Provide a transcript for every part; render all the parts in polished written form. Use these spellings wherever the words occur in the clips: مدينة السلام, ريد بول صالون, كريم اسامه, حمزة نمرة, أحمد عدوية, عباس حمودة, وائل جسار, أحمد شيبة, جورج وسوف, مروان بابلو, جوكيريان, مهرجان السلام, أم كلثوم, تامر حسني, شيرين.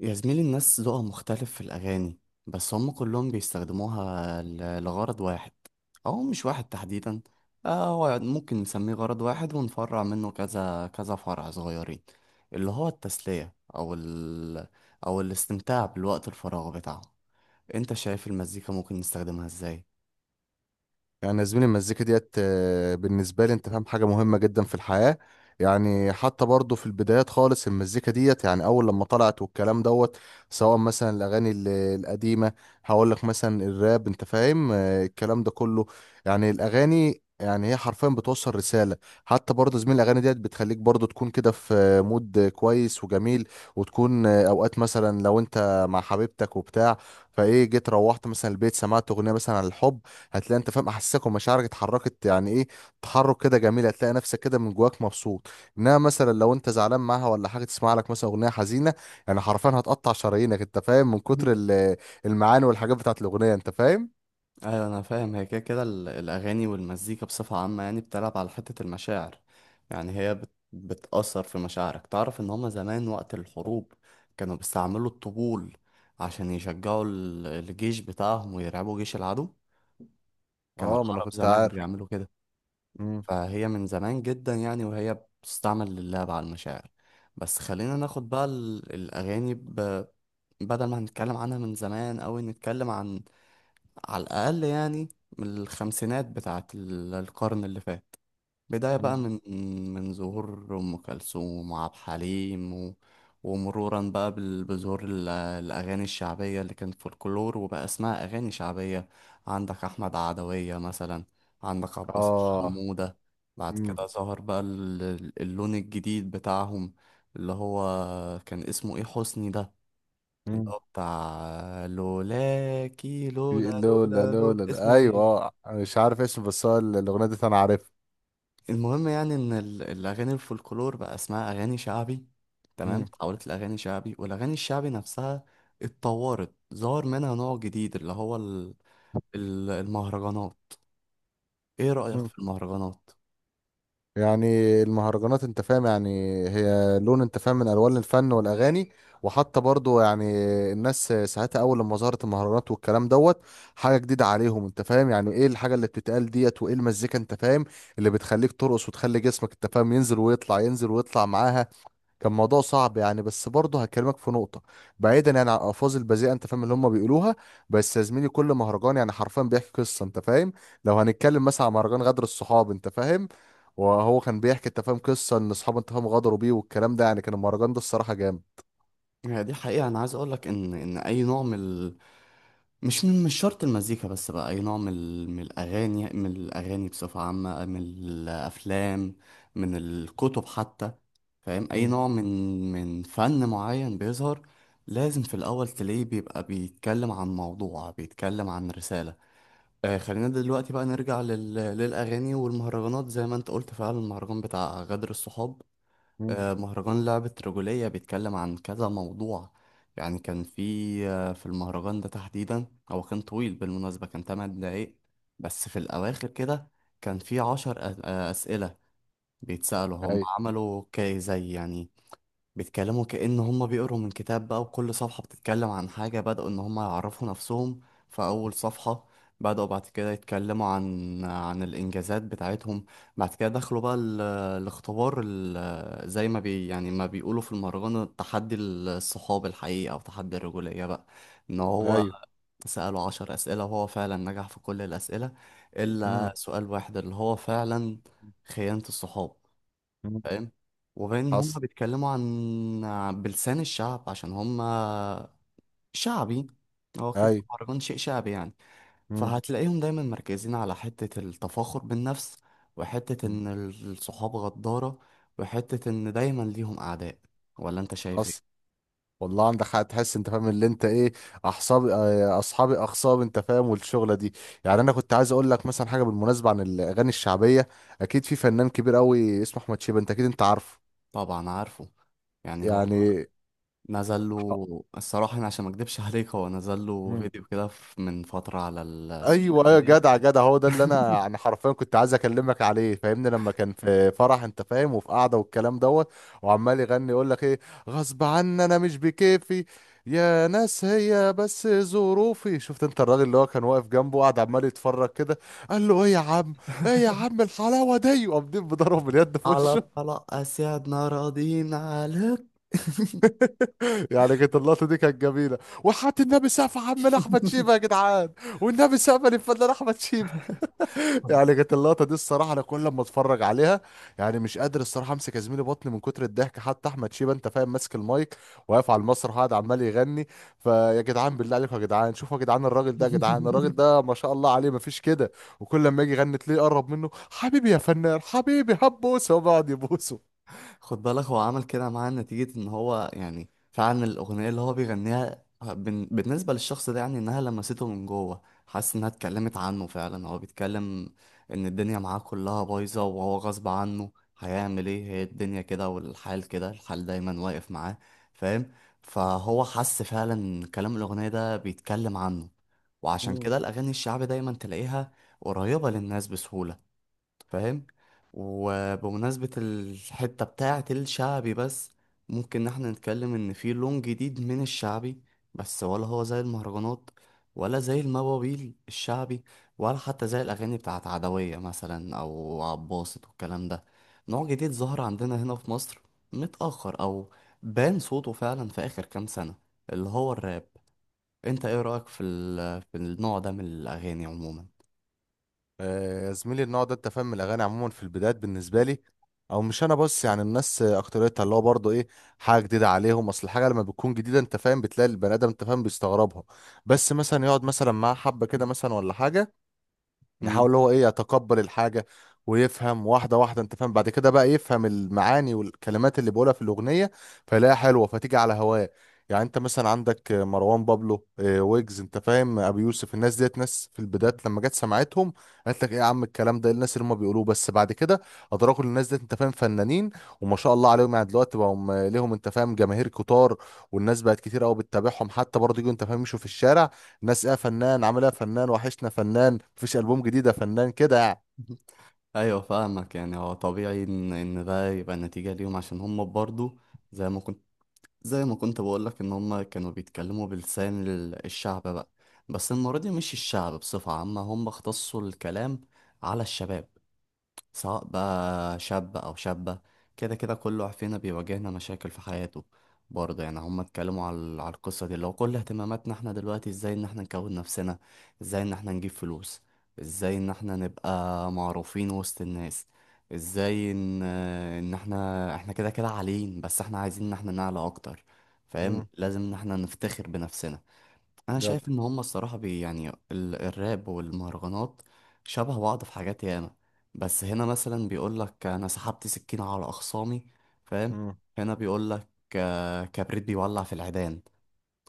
يا زميلي، الناس ذوقها مختلف في الأغاني. بس هم كلهم بيستخدموها لغرض واحد، أو مش واحد تحديدا. هو ممكن نسميه غرض واحد ونفرع منه كذا كذا فرع صغيرين، اللي هو التسلية أو الاستمتاع بالوقت الفراغ بتاعه. أنت شايف المزيكا ممكن نستخدمها إزاي؟ يعني يا زميلي المزيكا ديت بالنسبة لي انت فاهم حاجة مهمة جدا في الحياة. يعني حتى برضه في البدايات خالص المزيكا ديت يعني أول لما طلعت والكلام دوت، سواء مثلا الأغاني القديمة. هقول لك مثلا الراب انت فاهم، الكلام ده كله. يعني الأغاني يعني هي حرفيا بتوصل رسالة. حتى برضه زميل الأغاني ديت بتخليك برضه تكون كده في مود كويس وجميل. وتكون أوقات مثلا لو انت مع حبيبتك وبتاع، فايه جيت روحت مثلا البيت سمعت أغنية مثلا عن الحب. هتلاقي انت فاهم احساسك ومشاعرك اتحركت يعني ايه، تحرك كده جميل، هتلاقي نفسك كده من جواك مبسوط. انما مثلا لو انت زعلان معاها ولا حاجه تسمع لك مثلا اغنيه حزينه، يعني حرفيا هتقطع شرايينك انت فاهم من كتر المعاني والحاجات بتاعت الاغنيه انت فاهم. ايوه، انا فاهم. هي كده كده الاغاني والمزيكا بصفه عامه يعني بتلعب على حته المشاعر. يعني هي بتاثر في مشاعرك. تعرف ان هما زمان وقت الحروب كانوا بيستعملوا الطبول عشان يشجعوا الجيش بتاعهم ويرعبوا جيش العدو. كان اه، ما انا العرب كنت زمان عارف. بيعملوا كده. مم. فهي من زمان جدا يعني، وهي بتستعمل للعب على المشاعر. بس خلينا ناخد بقى الاغاني بدل ما هنتكلم عنها من زمان أوي، نتكلم عن على الأقل يعني من الخمسينات بتاعة القرن اللي فات. بداية بقى مم. من ظهور أم كلثوم وعبد الحليم ومرورا بقى بظهور الأغاني الشعبية اللي كانت فولكلور وبقى اسمها أغاني شعبية. عندك أحمد عدوية مثلا، عندك عباس اه. حمودة. بعد كده مم. ظهر بقى اللون الجديد بتاعهم، اللي هو كان اسمه إيه، حسني ده، اللي مم. هو بتاع لولاكي لولا لولا لولا لولا، لولا، اسمه ايوه، ايه. اه مش عارف اسمه، بس هو الاغنيه دي انا عارفها. المهم يعني ان الاغاني الفولكلور بقى اسمها اغاني شعبي، تمام، اتحولت لاغاني شعبي. والاغاني الشعبي نفسها اتطورت، ظهر منها نوع جديد اللي هو المهرجانات. ايه رأيك مم. في المهرجانات؟ يعني المهرجانات انت فاهم يعني هي لون انت فاهم من الوان الفن والاغاني. وحتى برضو يعني الناس ساعتها اول لما ظهرت المهرجانات والكلام دوت، حاجه جديده عليهم انت فاهم يعني ايه الحاجه اللي بتتقال ديت، وايه المزيكا انت فاهم اللي بتخليك ترقص وتخلي جسمك انت فاهم ينزل ويطلع، ينزل ويطلع معاها. كان موضوع صعب، يعني بس برضه هكلمك في نقطة، بعيدا يعني عن الألفاظ البذيئة أنت فاهم اللي هم بيقولوها. بس يا زميلي كل مهرجان يعني حرفيا بيحكي قصة أنت فاهم. لو هنتكلم مثلا عن مهرجان غدر الصحاب أنت فاهم، وهو كان بيحكي أنت فاهم قصة إن أصحابه أنت فاهم غدروا بيه والكلام ده، يعني كان المهرجان ده الصراحة جامد. يعني دي حقيقة، انا عايز اقولك ان اي نوع من، مش من، مش شرط المزيكا بس بقى، أي نوع من من الأغاني، بصفة عامة، من الأفلام، من الكتب حتى. فاهم، أي مم. نوع من فن معين بيظهر لازم في الأول تلاقيه بيبقى بيتكلم عن موضوع، بيتكلم عن رسالة. خلينا دلوقتي بقى نرجع للأغاني والمهرجانات. زي ما أنت قلت فعلا، المهرجان بتاع غدر الصحاب، مم. مهرجان لعبة رجولية بيتكلم عن كذا موضوع. يعني كان في في المهرجان ده تحديدا، هو كان طويل بالمناسبة، كان تمن دقايق. بس في الأواخر كده كان في عشر أسئلة بيتسألوا، هم ايوه. عملوا كي زي يعني بيتكلموا كأن هم بيقروا من كتاب بقى، وكل صفحة بتتكلم عن حاجة. بدأوا إن هم يعرفوا نفسهم في أول صفحة، بدأوا بعد كده يتكلموا عن الإنجازات بتاعتهم، بعد كده دخلوا بقى الاختبار، زي ما يعني ما بيقولوا في المهرجان تحدي الصحاب الحقيقي أو تحدي الرجولية بقى. إن هو أيوه. سأله عشر أسئلة، وهو فعلا نجح في كل الأسئلة إلا مم. سؤال واحد اللي هو فعلا خيانة الصحاب. مم. فاهم؟ وغير ان هم حصل. بيتكلموا عن بلسان الشعب عشان هم شعبي. هو كده كده أيوه. مهرجان شيء شعبي يعني. مم. فهتلاقيهم دايما مركزين على حتة التفاخر بالنفس، وحتة مم. ان الصحاب غدارة، وحتة ان دايما ليهم اعداء. ولا انت شايف ايه؟ حصل. والله عندك حق، تحس انت فاهم اللي انت ايه، احصابي اه، اصحابي، اخصاب انت فاهم، والشغله دي. يعني انا كنت عايز اقول لك مثلا حاجه بالمناسبه عن الاغاني الشعبيه، اكيد في فنان كبير قوي اسمه احمد شيبه، انت اكيد انت عارفه. طبعا عارفه. يعني هو يعني. نزل ح- له، الصراحة أنا عشان ما أكدبش عليك، هو نزل له مم. فيديو كده من فترة على السوشيال ايوه، ايوه، ميديا. جدع جدع، هو ده اللي انا حرفيا كنت عايز اكلمك عليه، فاهمني لما كان في فرح انت فاهم وفي قعده والكلام دوت، وعمال يغني يقول لك ايه، غصب عني انا مش بكيفي، يا ناس هي بس ظروفي. شفت انت الراجل اللي هو كان واقف جنبه، قاعد عمال يتفرج كده، قال له ايه يا عم؟ ايه يا عم الحلاوه دي؟ وقامدين بضرب باليد في على وشه. الطلاق أسعدنا راضين عليك. يعني كانت اللقطه دي كانت جميله، وحط النبي سقف عمنا احمد شيبه يا جدعان، والنبي سقف للفنان احمد شيبه. يعني كانت اللقطة دي الصراحة، أنا كل ما أتفرج عليها يعني مش قادر الصراحة أمسك يا زميلي بطني من كتر الضحك. حتى أحمد شيبة أنت فاهم ماسك المايك، واقف على المسرح، وقاعد عمال يغني. فيا جدعان، بالله عليكم يا جدعان، شوفوا يا جدعان الراجل ده يا جدعان، الراجل ده ما شاء الله عليه مفيش كده. وكل لما يجي يغني تلاقيه يقرب منه، حبيبي يا فنان حبيبي، هبوس، هو بيقعد يبوسه. خد بالك، هو عمل كده معاه نتيجة ان هو يعني فعلا الأغنية اللي هو بيغنيها بالنسبة للشخص ده يعني انها لمسته من جوه، حاسس انها اتكلمت عنه فعلا. هو بيتكلم ان الدنيا معاه كلها بايظة وهو غصب عنه هيعمل ايه، هي الدنيا كده والحال كده، الحال دايما واقف معاه. فاهم؟ فهو حس فعلا إن كلام الأغنية ده بيتكلم عنه. وعشان كده الأغاني الشعبي دايما تلاقيها قريبة للناس بسهولة. فاهم؟ وبمناسبة الحتة بتاعة الشعبي بس، ممكن إن احنا نتكلم ان في لون جديد من الشعبي، بس ولا هو زي المهرجانات، ولا زي المواويل الشعبي، ولا حتى زي الاغاني بتاعة عدوية مثلا او عباسط والكلام ده. نوع جديد ظهر عندنا هنا في مصر متأخر، او بان صوته فعلا في اخر كام سنة، اللي هو الراب. انت ايه رأيك في في النوع ده من الاغاني عموما؟ يا زميلي النوع ده انت فاهم الاغاني عموما في البدايات بالنسبه لي، او مش انا بس يعني الناس، اكتريتها اللي هو برضه ايه، حاجه جديده عليهم. اصل الحاجه لما بتكون جديده انت فاهم بتلاقي البني ادم انت فاهم بيستغربها، بس مثلا يقعد مثلا معاه حبه كده مثلا ولا حاجه، مم. يحاول هو ايه يتقبل الحاجة، ويفهم واحدة واحدة انت فاهم، بعد كده بقى يفهم المعاني والكلمات اللي بيقولها في الأغنية، فيلاقيها حلوة، فتيجي على هواه. يعني انت مثلا عندك مروان بابلو، ويجز انت فاهم، ابي يوسف، الناس ديت ناس في البدايات لما جت سمعتهم، قالت لك ايه يا عم الكلام ده؟ إيه الناس اللي هم بيقولوه؟ بس بعد كده ادركوا إن الناس ديت انت فاهم فنانين، وما شاء الله عليهم، يعني دلوقتي بقوا ليهم انت فاهم جماهير كتار، والناس بقت كتير قوي بتتابعهم، حتى برضه يجوا انت فاهم يمشوا في الشارع، ناس ايه يا فنان، عامل ايه يا فنان، وحشنا فنان، مفيش البوم جديد يا فنان، كده يعني. ايوه، فاهمك. يعني هو طبيعي ان ده يبقى نتيجة ليهم عشان هم برضو، زي ما كنت زي ما كنت بقولك ان هم كانوا بيتكلموا بلسان الشعب بقى. بس المرة دي مش الشعب بصفة عامة، هم اختصوا الكلام على الشباب، سواء بقى شاب أو شابة. كده كده كل واحد فينا بيواجهنا مشاكل في حياته. برضه يعني هما اتكلموا على القصة دي اللي هو كل اهتماماتنا احنا دلوقتي، ازاي ان احنا نكون نفسنا، ازاي ان احنا نجيب فلوس، ازاي ان احنا نبقى معروفين وسط الناس، ازاي ان احنا كده كده عاليين، بس احنا عايزين ان احنا نعلى اكتر. فاهم؟ امم. لازم ان احنا نفتخر بنفسنا. انا جد. شايف ان هما الصراحه يعني الراب والمهرجانات شبه بعض في حاجات ياما. بس هنا مثلا بيقولك انا سحبت سكينه على اخصامي. فاهم؟ امم. هنا بيقولك كبريت بيولع في العيدان.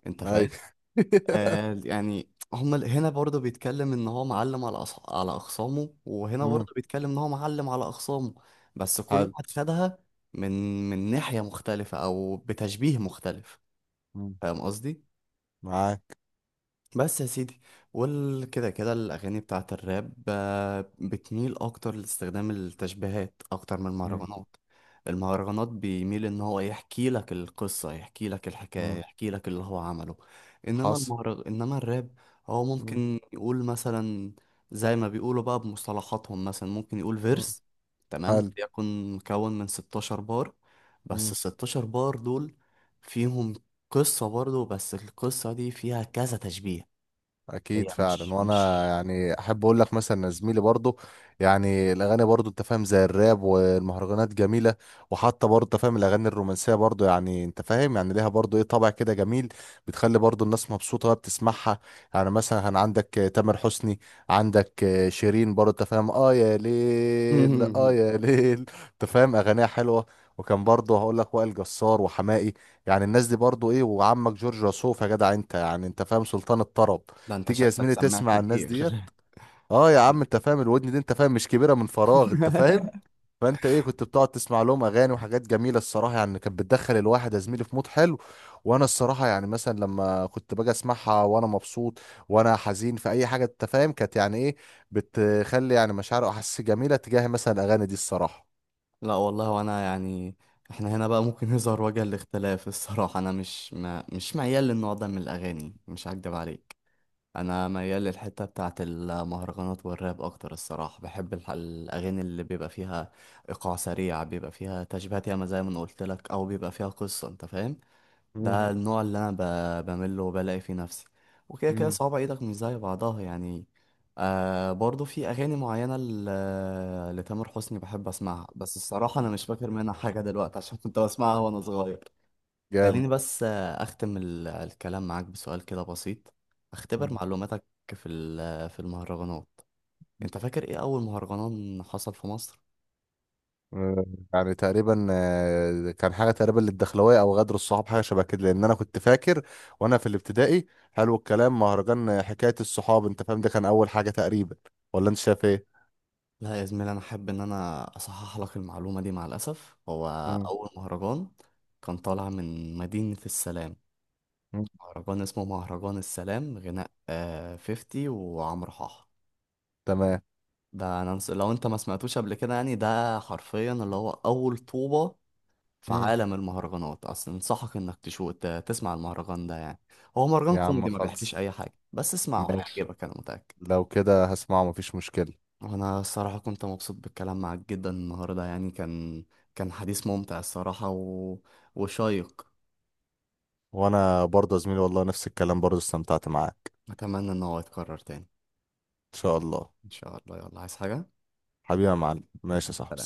انت اي. فاهم؟ يعني هما هنا برضه بيتكلم ان هو معلم على اخصامه، وهنا امم. برضه بيتكلم ان هو معلم على اخصامه. بس كل حلو. واحد خدها من من ناحيه مختلفه او بتشبيه مختلف. امم. فاهم قصدي؟ معاك. بس يا سيدي، كده كده الأغاني بتاعة الراب بتميل أكتر لاستخدام التشبيهات أكتر من امم. المهرجانات. المهرجانات بيميل إن هو يحكي لك القصة، يحكي لك الحكاية، امم. يحكي لك اللي هو عمله. حصل. إنما الراب هو امم. ممكن يقول مثلا زي ما بيقولوا بقى بمصطلحاتهم، مثلا ممكن يقول امم. فيرس، تمام، حلو. يكون مكون من 16 بار، بس ال 16 بار دول فيهم قصة برضو، بس القصة دي فيها كذا تشبيه. اكيد هي مش فعلا، وانا مش يعني احب اقول لك مثلا إن زميلي برضو يعني الاغاني برضو انت فاهم زي الراب والمهرجانات جميله، وحتى برضو انت فاهم الاغاني الرومانسيه برضو يعني انت فاهم يعني ليها برضو ايه، طابع كده جميل، بتخلي برضو الناس مبسوطه وهي بتسمعها. يعني مثلا كان عندك تامر حسني، عندك شيرين برضو انت فاهم، اه يا ليل اه يا ليل، انت فاهم اغانيها حلوه. وكان برضه هقول لك وائل جسار وحماقي، يعني الناس دي برضه ايه، وعمك جورج وسوف يا جدع انت، يعني انت فاهم سلطان الطرب. ده انت تيجي يا شكلك زميلي سماع تسمع الناس كبير. ديت، اه يا عم انت فاهم، الودن دي انت فاهم مش كبيره من فراغ انت فاهم. فانت ايه كنت بتقعد تسمع لهم اغاني وحاجات جميله الصراحه، يعني كانت بتدخل الواحد يا زميلي في مود حلو. وانا الصراحه يعني مثلا لما كنت باجي اسمعها وانا مبسوط، وانا حزين في اي حاجه انت فاهم، كانت يعني ايه، بتخلي يعني مشاعر واحاسيس جميله تجاه مثلا الاغاني دي الصراحه. لا والله، وانا يعني احنا هنا بقى ممكن يظهر وجه الاختلاف الصراحة. انا مش ما مش ميال للنوع ده من الاغاني، مش هكدب عليك. انا ميال للحتة بتاعة المهرجانات والراب اكتر الصراحة. بحب الاغاني اللي بيبقى فيها ايقاع سريع، بيبقى فيها تشبيهات ياما زي ما انا قلت لك، او بيبقى فيها قصة. انت فاهم؟ امم. ده النوع اللي انا بمل وبلاقي فيه نفسي. وكده كده امم. صوابع ايدك مش زي بعضها يعني. برضو في اغاني معينه لتامر حسني بحب اسمعها، بس الصراحه انا مش فاكر منها حاجه دلوقتي عشان كنت بسمعها وانا صغير. جامد. خليني بس اختم الكلام معاك بسؤال كده بسيط، اختبر مم. معلوماتك في في المهرجانات. انت فاكر ايه اول مهرجان حصل في مصر؟ آه، يعني تقريبا كان حاجه تقريبا للدخلويه او غدر الصحاب، حاجه شبه كده، لان انا كنت فاكر وانا في الابتدائي. حلو الكلام، مهرجان حكايه الصحاب انت فاهم، ده كان اول حاجه تقريبا، ولا انت شايف ايه؟ لا يا زميلي، انا حابب ان انا اصحح لك المعلومه دي مع الاسف. هو مم. اول مهرجان كان طالع من مدينه السلام، مم. مهرجان اسمه مهرجان السلام غناء 50 وعمرو حاح. تمام. لو انت ما سمعتوش قبل كده يعني، ده حرفيا اللي هو اول طوبه في مم. عالم المهرجانات اصلا. انصحك انك تشوف تسمع المهرجان ده يعني. هو مهرجان يا عم كوميدي ما بيحكيش خلص، اي حاجه، بس اسمعه ماشي، هيعجبك انا متاكد. لو كده هسمعه مفيش مشكله. وانا الصراحة كنت مبسوط بالكلام معاك جدا النهاردة يعني، كان حديث ممتع الصراحة وشيق. وانا برضه يا زميلي والله نفس الكلام، برضه استمتعت معاك. اتمنى ان هو يتكرر تاني. ان شاء الله. ان شاء الله، يلا عايز حاجة؟ حبيبي يا معلم، ماشي يا سلام. صاحبي.